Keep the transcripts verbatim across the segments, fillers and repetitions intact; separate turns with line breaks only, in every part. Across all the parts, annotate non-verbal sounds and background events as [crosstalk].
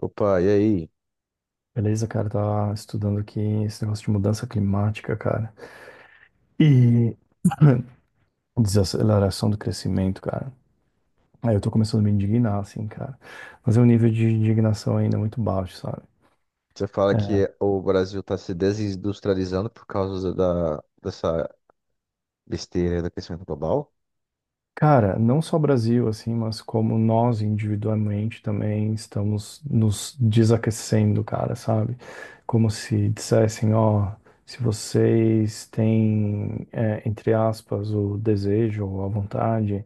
Opa, e aí?
Beleza, cara, tá estudando aqui esse negócio de mudança climática, cara. E [clears throat] desaceleração do crescimento, cara. Aí eu tô começando a me indignar, assim, cara. Mas é um nível de indignação ainda muito baixo, sabe? É,
Você fala que o Brasil está se desindustrializando por causa da, dessa besteira do crescimento global?
Cara, não só Brasil, assim, mas como nós individualmente também estamos nos desaquecendo, cara, sabe? Como se dissessem, ó, se vocês têm, é, entre aspas, o desejo ou a vontade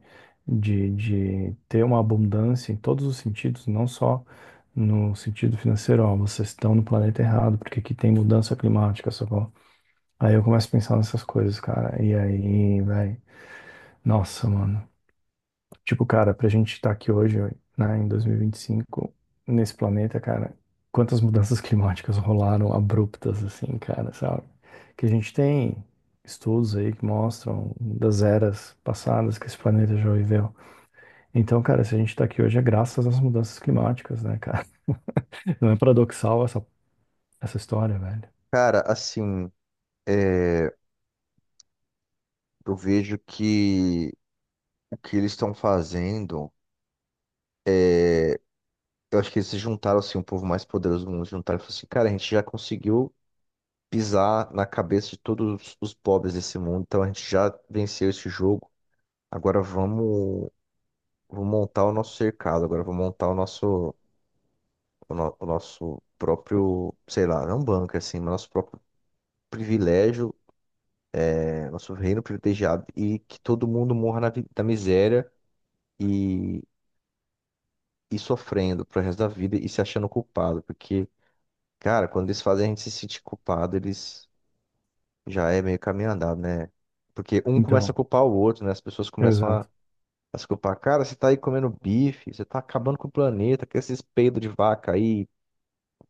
de, de ter uma abundância em todos os sentidos, não só no sentido financeiro, ó, vocês estão no planeta errado, porque aqui tem mudança climática, sacou? Aí eu começo a pensar nessas coisas, cara, e aí, velho, nossa, mano. Tipo, cara, pra gente estar aqui hoje, né, em dois mil e vinte e cinco, nesse planeta, cara, quantas mudanças [laughs] climáticas rolaram abruptas, assim, cara, sabe? Que a gente tem estudos aí que mostram das eras passadas que esse planeta já viveu. Então, cara, se a gente tá aqui hoje é graças às mudanças climáticas, né, cara? [laughs] Não é paradoxal essa, essa história, velho.
Cara, assim, é, eu vejo que o que eles estão fazendo, eu acho que eles se juntaram, assim, o povo mais poderoso do mundo se juntaram e falaram assim, cara, a gente já conseguiu pisar na cabeça de todos os pobres desse mundo, então a gente já venceu esse jogo, agora vamos, vamos montar o nosso cercado, agora vamos montar o nosso o, no- o nosso próprio, sei lá, não bunker, assim, mas nosso próprio privilégio, é, nosso reino privilegiado e que todo mundo morra na, vi- na miséria e, e sofrendo pro resto da vida e se achando culpado, porque, cara, quando eles fazem a gente se sentir culpado, eles já é meio caminho andado, né? Porque um começa a
Então,
culpar o outro, né? As pessoas começam a,
exato.
a se culpar. Cara, você tá aí comendo bife, você tá acabando com o planeta, com esses peidos de vaca aí.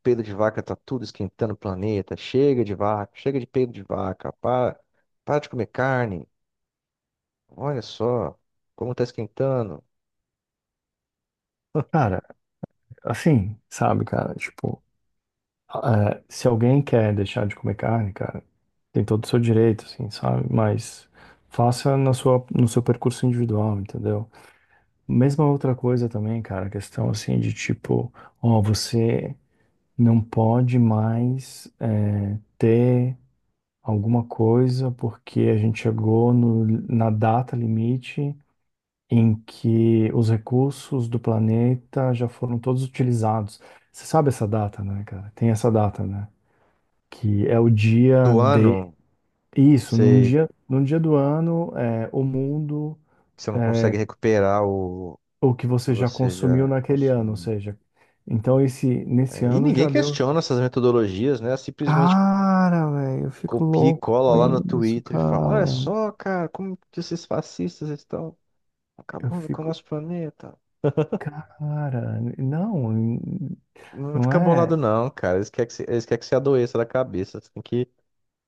Peido de vaca tá tudo esquentando o planeta. Chega de vaca, chega de peido de vaca. Para, para de comer carne. Olha só como tá esquentando.
Cara, assim, sabe, cara, tipo. É, se alguém quer deixar de comer carne, cara, tem todo o seu direito, assim, sabe? Mas faça na sua, no seu percurso individual, entendeu? Mesma outra coisa também, cara, a questão assim de tipo, ó, você não pode mais é, ter alguma coisa porque a gente chegou no- na data limite em que os recursos do planeta já foram todos utilizados. Você sabe essa data, né, cara? Tem essa data, né? que é o dia
Do
de
ano,
isso, num
você,
dia, num dia do ano, é, o mundo,
você não
é,
consegue recuperar o,
o que
o que
você já
você
consumiu
já
naquele ano, ou
consumiu.
seja, então esse nesse
É, e
ano
ninguém
já deu.
questiona essas metodologias, né? Simplesmente
Cara, velho, eu fico
copia e
louco
cola
com
lá no
isso,
Twitter e fala: Olha
cara.
só, cara, como que esses fascistas estão
Eu
acabando com o
fico,
nosso planeta.
cara, não,
Não
não
fica bolado,
é.
não, cara. Eles querem que você, eles querem que você adoeça da cabeça. Você tem que.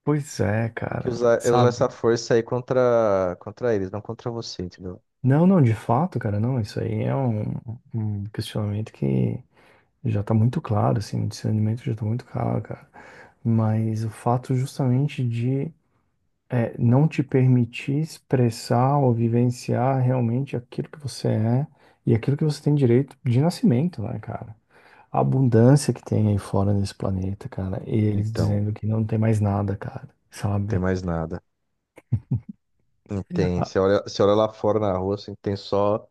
Pois é,
Tem que
cara,
usar, é usar essa
sabe?
força aí contra, contra eles, não contra você, entendeu?
Não, não, de fato, cara, não, isso aí é um, um questionamento que já tá muito claro, assim, o discernimento já tá muito claro, cara. Mas o fato justamente de é, não te permitir expressar ou vivenciar realmente aquilo que você é e aquilo que você tem direito de nascimento, né, cara? A abundância que tem aí fora nesse planeta, cara. Eles
Então,
dizendo que não tem mais nada, cara,
não tem
sabe?
mais nada. Não tem.
Ah,
Você olha, você olha lá fora na rua, assim, tem só,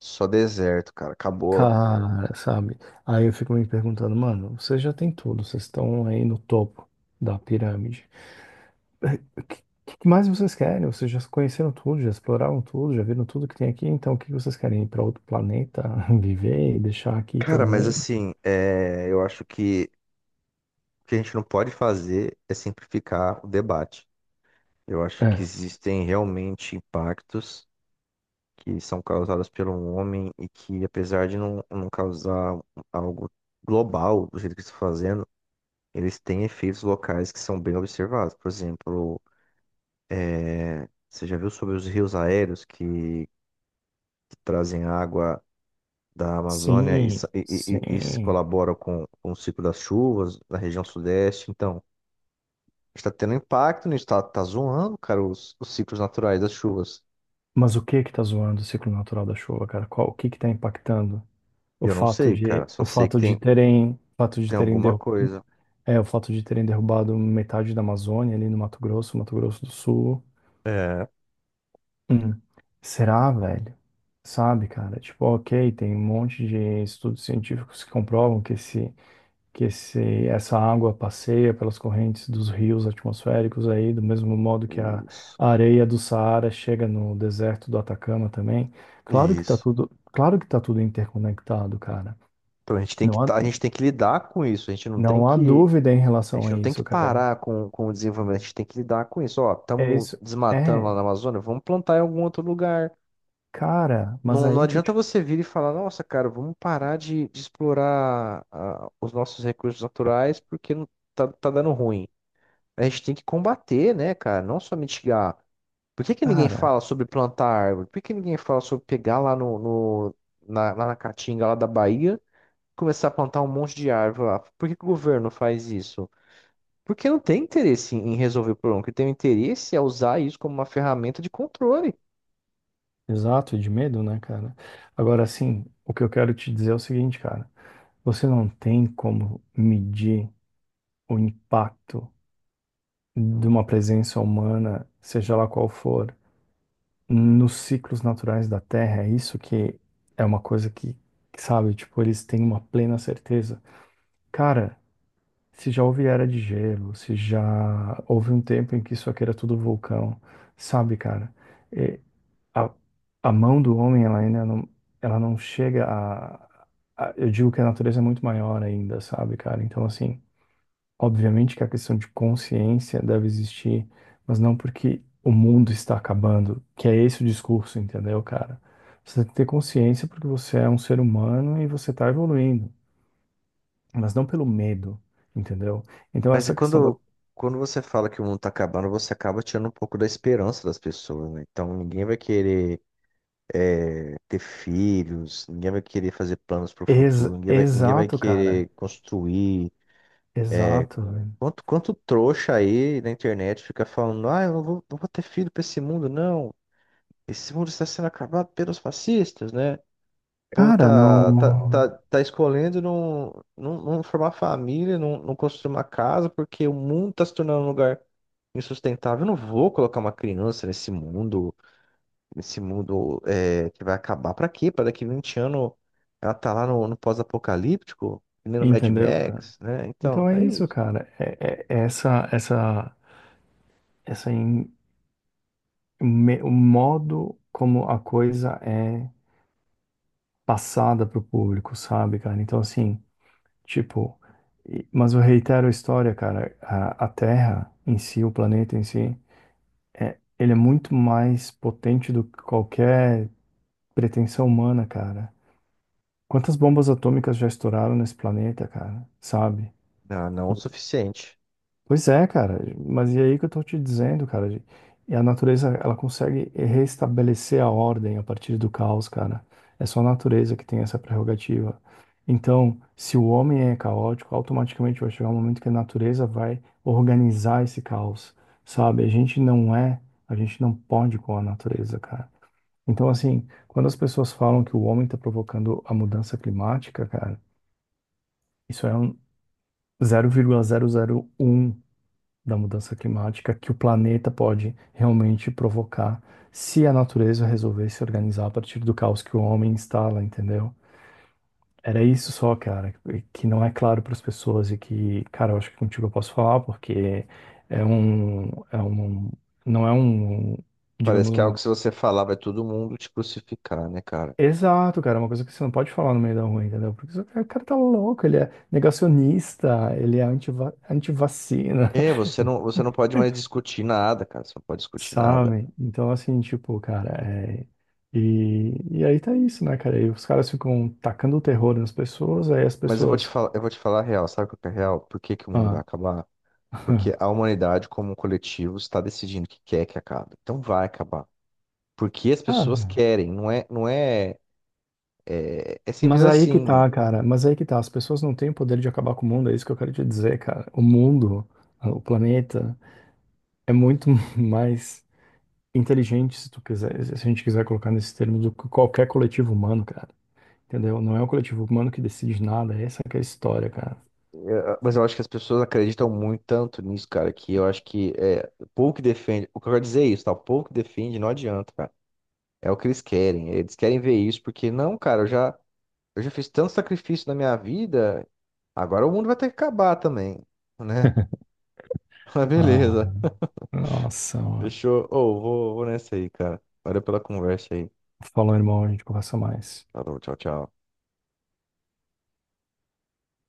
só deserto, cara. Acabou.
cara, sabe? Aí eu fico me perguntando, mano, vocês já têm tudo, vocês estão aí no topo da pirâmide. O que mais vocês querem? Vocês já conheceram tudo, já exploraram tudo, já viram tudo que tem aqui, então o que vocês querem? Ir para outro planeta, [laughs] viver e deixar aqui
Cara,
todo
mas
mundo?
assim, é, eu acho que o que a gente não pode fazer é simplificar o debate. Eu acho que
É.
existem realmente impactos que são causados pelo homem e que, apesar de não, não causar algo global do jeito que está fazendo. Eles têm efeitos locais que são bem observados. Por exemplo, é, você já viu sobre os rios aéreos que, que trazem água da Amazônia e,
Sim,
sa- e- e- e- e se
sim.
colaboram com, com o ciclo das chuvas na região sudeste? Então, está tendo impacto nisso, está tá tá zoando, cara, os, os ciclos naturais das chuvas.
Mas o que que tá zoando o ciclo natural da chuva, cara? Qual, o que que tá impactando?
E
O
Eu não
fato
sei,
de,
cara, só
o
sei que
fato de
tem,
terem, o fato de
tem
terem
alguma
derru-
coisa.
é, o fato de terem derrubado metade da Amazônia ali no Mato Grosso, Mato Grosso do Sul.
É,
Hum, será, velho? Sabe, cara? Tipo, ok, tem um monte de estudos científicos que comprovam que esse, que esse, essa água passeia pelas correntes dos rios atmosféricos aí, do mesmo modo que a
isso,
areia do Saara chega no deserto do Atacama também. Claro que tá
isso.
tudo, claro que tá tudo interconectado, cara.
Então a gente tem que,
Não há,
tá- a gente tem que lidar com isso, a gente não tem
não há
que.
dúvida em
A
relação
gente
a
não tem que
isso, cara.
parar com, com o desenvolvimento, a gente tem que lidar com isso. Ó,
É
estamos
isso.
desmatando lá
É,
na Amazônia, vamos plantar em algum outro lugar.
cara, mas
Não, não
aí que eu
adianta
te.
você vir e falar, nossa, cara, vamos parar de, de explorar ah, os nossos recursos naturais porque não- tá, tá dando ruim. A gente tem que combater, né, cara? Não só mitigar. Por que que ninguém
Cara,
fala sobre plantar árvore? Por que que ninguém fala sobre pegar lá no, no- na, lá na Caatinga, lá da Bahia, e começar a plantar um monte de árvore lá? Por que que o governo faz isso? Porque não tem interesse em resolver o problema. O que tem interesse é usar isso como uma ferramenta de controle.
exato, e de medo, né, cara? Agora, assim, o que eu quero te dizer é o seguinte, cara. Você não tem como medir o impacto de uma presença humana, seja lá qual for, nos ciclos naturais da Terra. É isso que é uma coisa que, sabe, tipo, eles têm uma plena certeza. Cara, se já houve era de gelo, se já houve um tempo em que isso aqui era tudo vulcão, sabe, cara? a, a mão do homem, ela ainda não, ela não chega a, a- Eu digo que a natureza é muito maior ainda, sabe, cara? Então, assim, obviamente que a questão de consciência deve existir, mas não porque o mundo está acabando, que é esse o discurso, entendeu, cara? Você tem que ter consciência porque você é um ser humano e você está evoluindo, mas não pelo medo, entendeu? Então,
Mas
essa questão da.
quando, quando você fala que o mundo tá acabando, você acaba tirando um pouco da esperança das pessoas, né? Então ninguém vai querer ter filhos, ninguém vai querer fazer planos para o
Ex-
futuro, ninguém vai, ninguém vai
exato, cara.
querer construir.
Exato, velho.
Quanto, quanto trouxa aí na internet fica falando, ah, eu não vou, não vou ter filho para esse mundo, não. Esse mundo está sendo acabado pelos fascistas, né? Povo
Cara,
tá, tá, tá,
não.
tá escolhendo não, não, não formar família, não, não construir uma casa, porque o mundo tá se tornando um lugar insustentável. Eu não vou colocar uma criança nesse mundo, nesse mundo é, que vai acabar. Pra quê? Pra daqui vinte anos ela tá lá no, no pós-apocalíptico, que nem no Mad
Entendeu, cara?
Max, né? Então,
Então é
é
isso,
isso.
cara. É, é- é essa, essa, essa em- me- o modo como a coisa é passada pro público, sabe, cara? Então assim, tipo, e- mas eu reitero a história, cara. A, a Terra em si, o planeta em si, é, ele é muito mais potente do que qualquer pretensão humana, cara. Quantas bombas atômicas já estouraram nesse planeta, cara? Sabe?
Não, não é o suficiente.
Pois é, cara, mas e aí que eu tô te dizendo, cara, de- e a natureza, ela consegue restabelecer a ordem a partir do caos, cara. É só a natureza que tem essa prerrogativa. Então, se o homem é caótico, automaticamente vai chegar um momento que a natureza vai organizar esse caos, sabe? A gente não é, a gente não pode com a natureza, cara. Então, assim, quando as pessoas falam que o homem tá provocando a mudança climática, cara, isso é um zero vírgula zero zero vírgula um da mudança climática que o planeta pode realmente provocar se a natureza resolver se organizar a partir do caos que o homem instala, entendeu? Era isso só, cara, que não é claro para as pessoas e que, cara, eu acho que contigo eu posso falar porque é um, é um, não é um,
Parece
digamos,
que é algo
uma.
que se você falar vai todo mundo te crucificar, né, cara?
Exato, cara, é uma coisa que você não pode falar no meio da rua, entendeu? Porque o cara tá louco, ele é negacionista, ele é antiva, antivacina.
É, você não, você não pode mais discutir nada, cara. Você não pode discutir nada.
Sabe? Então, assim, tipo, cara, é... E, e aí tá isso, né, cara? E os caras ficam tacando o terror nas pessoas, aí as
Mas eu vou te
pessoas.
falar, eu vou te falar a real. Sabe o que é real? Por que que o mundo vai
Ah,
acabar? Porque a humanidade, como um coletivo, está decidindo que quer que acabe. Então vai acabar. Porque as pessoas
cara,
querem, não é, não é, é, é simples
mas aí que
assim.
tá, cara. Mas aí que tá. As pessoas não têm o poder de acabar com o mundo, é isso que eu quero te dizer, cara. O mundo, ah, o planeta, é muito [laughs] mais inteligente, se tu quiser, se a gente quiser colocar nesse termo, do que qualquer coletivo humano, cara. Entendeu? Não é o coletivo humano que decide nada, essa que é a história, cara.
Ah, mas eu acho que as pessoas acreditam muito tanto nisso, cara, que eu acho que é, pouco que defende. O que eu quero dizer é isso, tá? O pouco que defende não adianta, cara. É o que eles querem. Eles querem ver isso, porque não, cara, eu já, eu já fiz tanto sacrifício na minha vida, agora o mundo vai ter que acabar também, né?
[laughs]
[laughs] Mas
Ah,
beleza.
nossa.
Fechou. Ô, vou, vou nessa aí, cara. Valeu pela conversa aí.
Falou, irmão, a gente conversa mais.
Falou, tchau, tchau.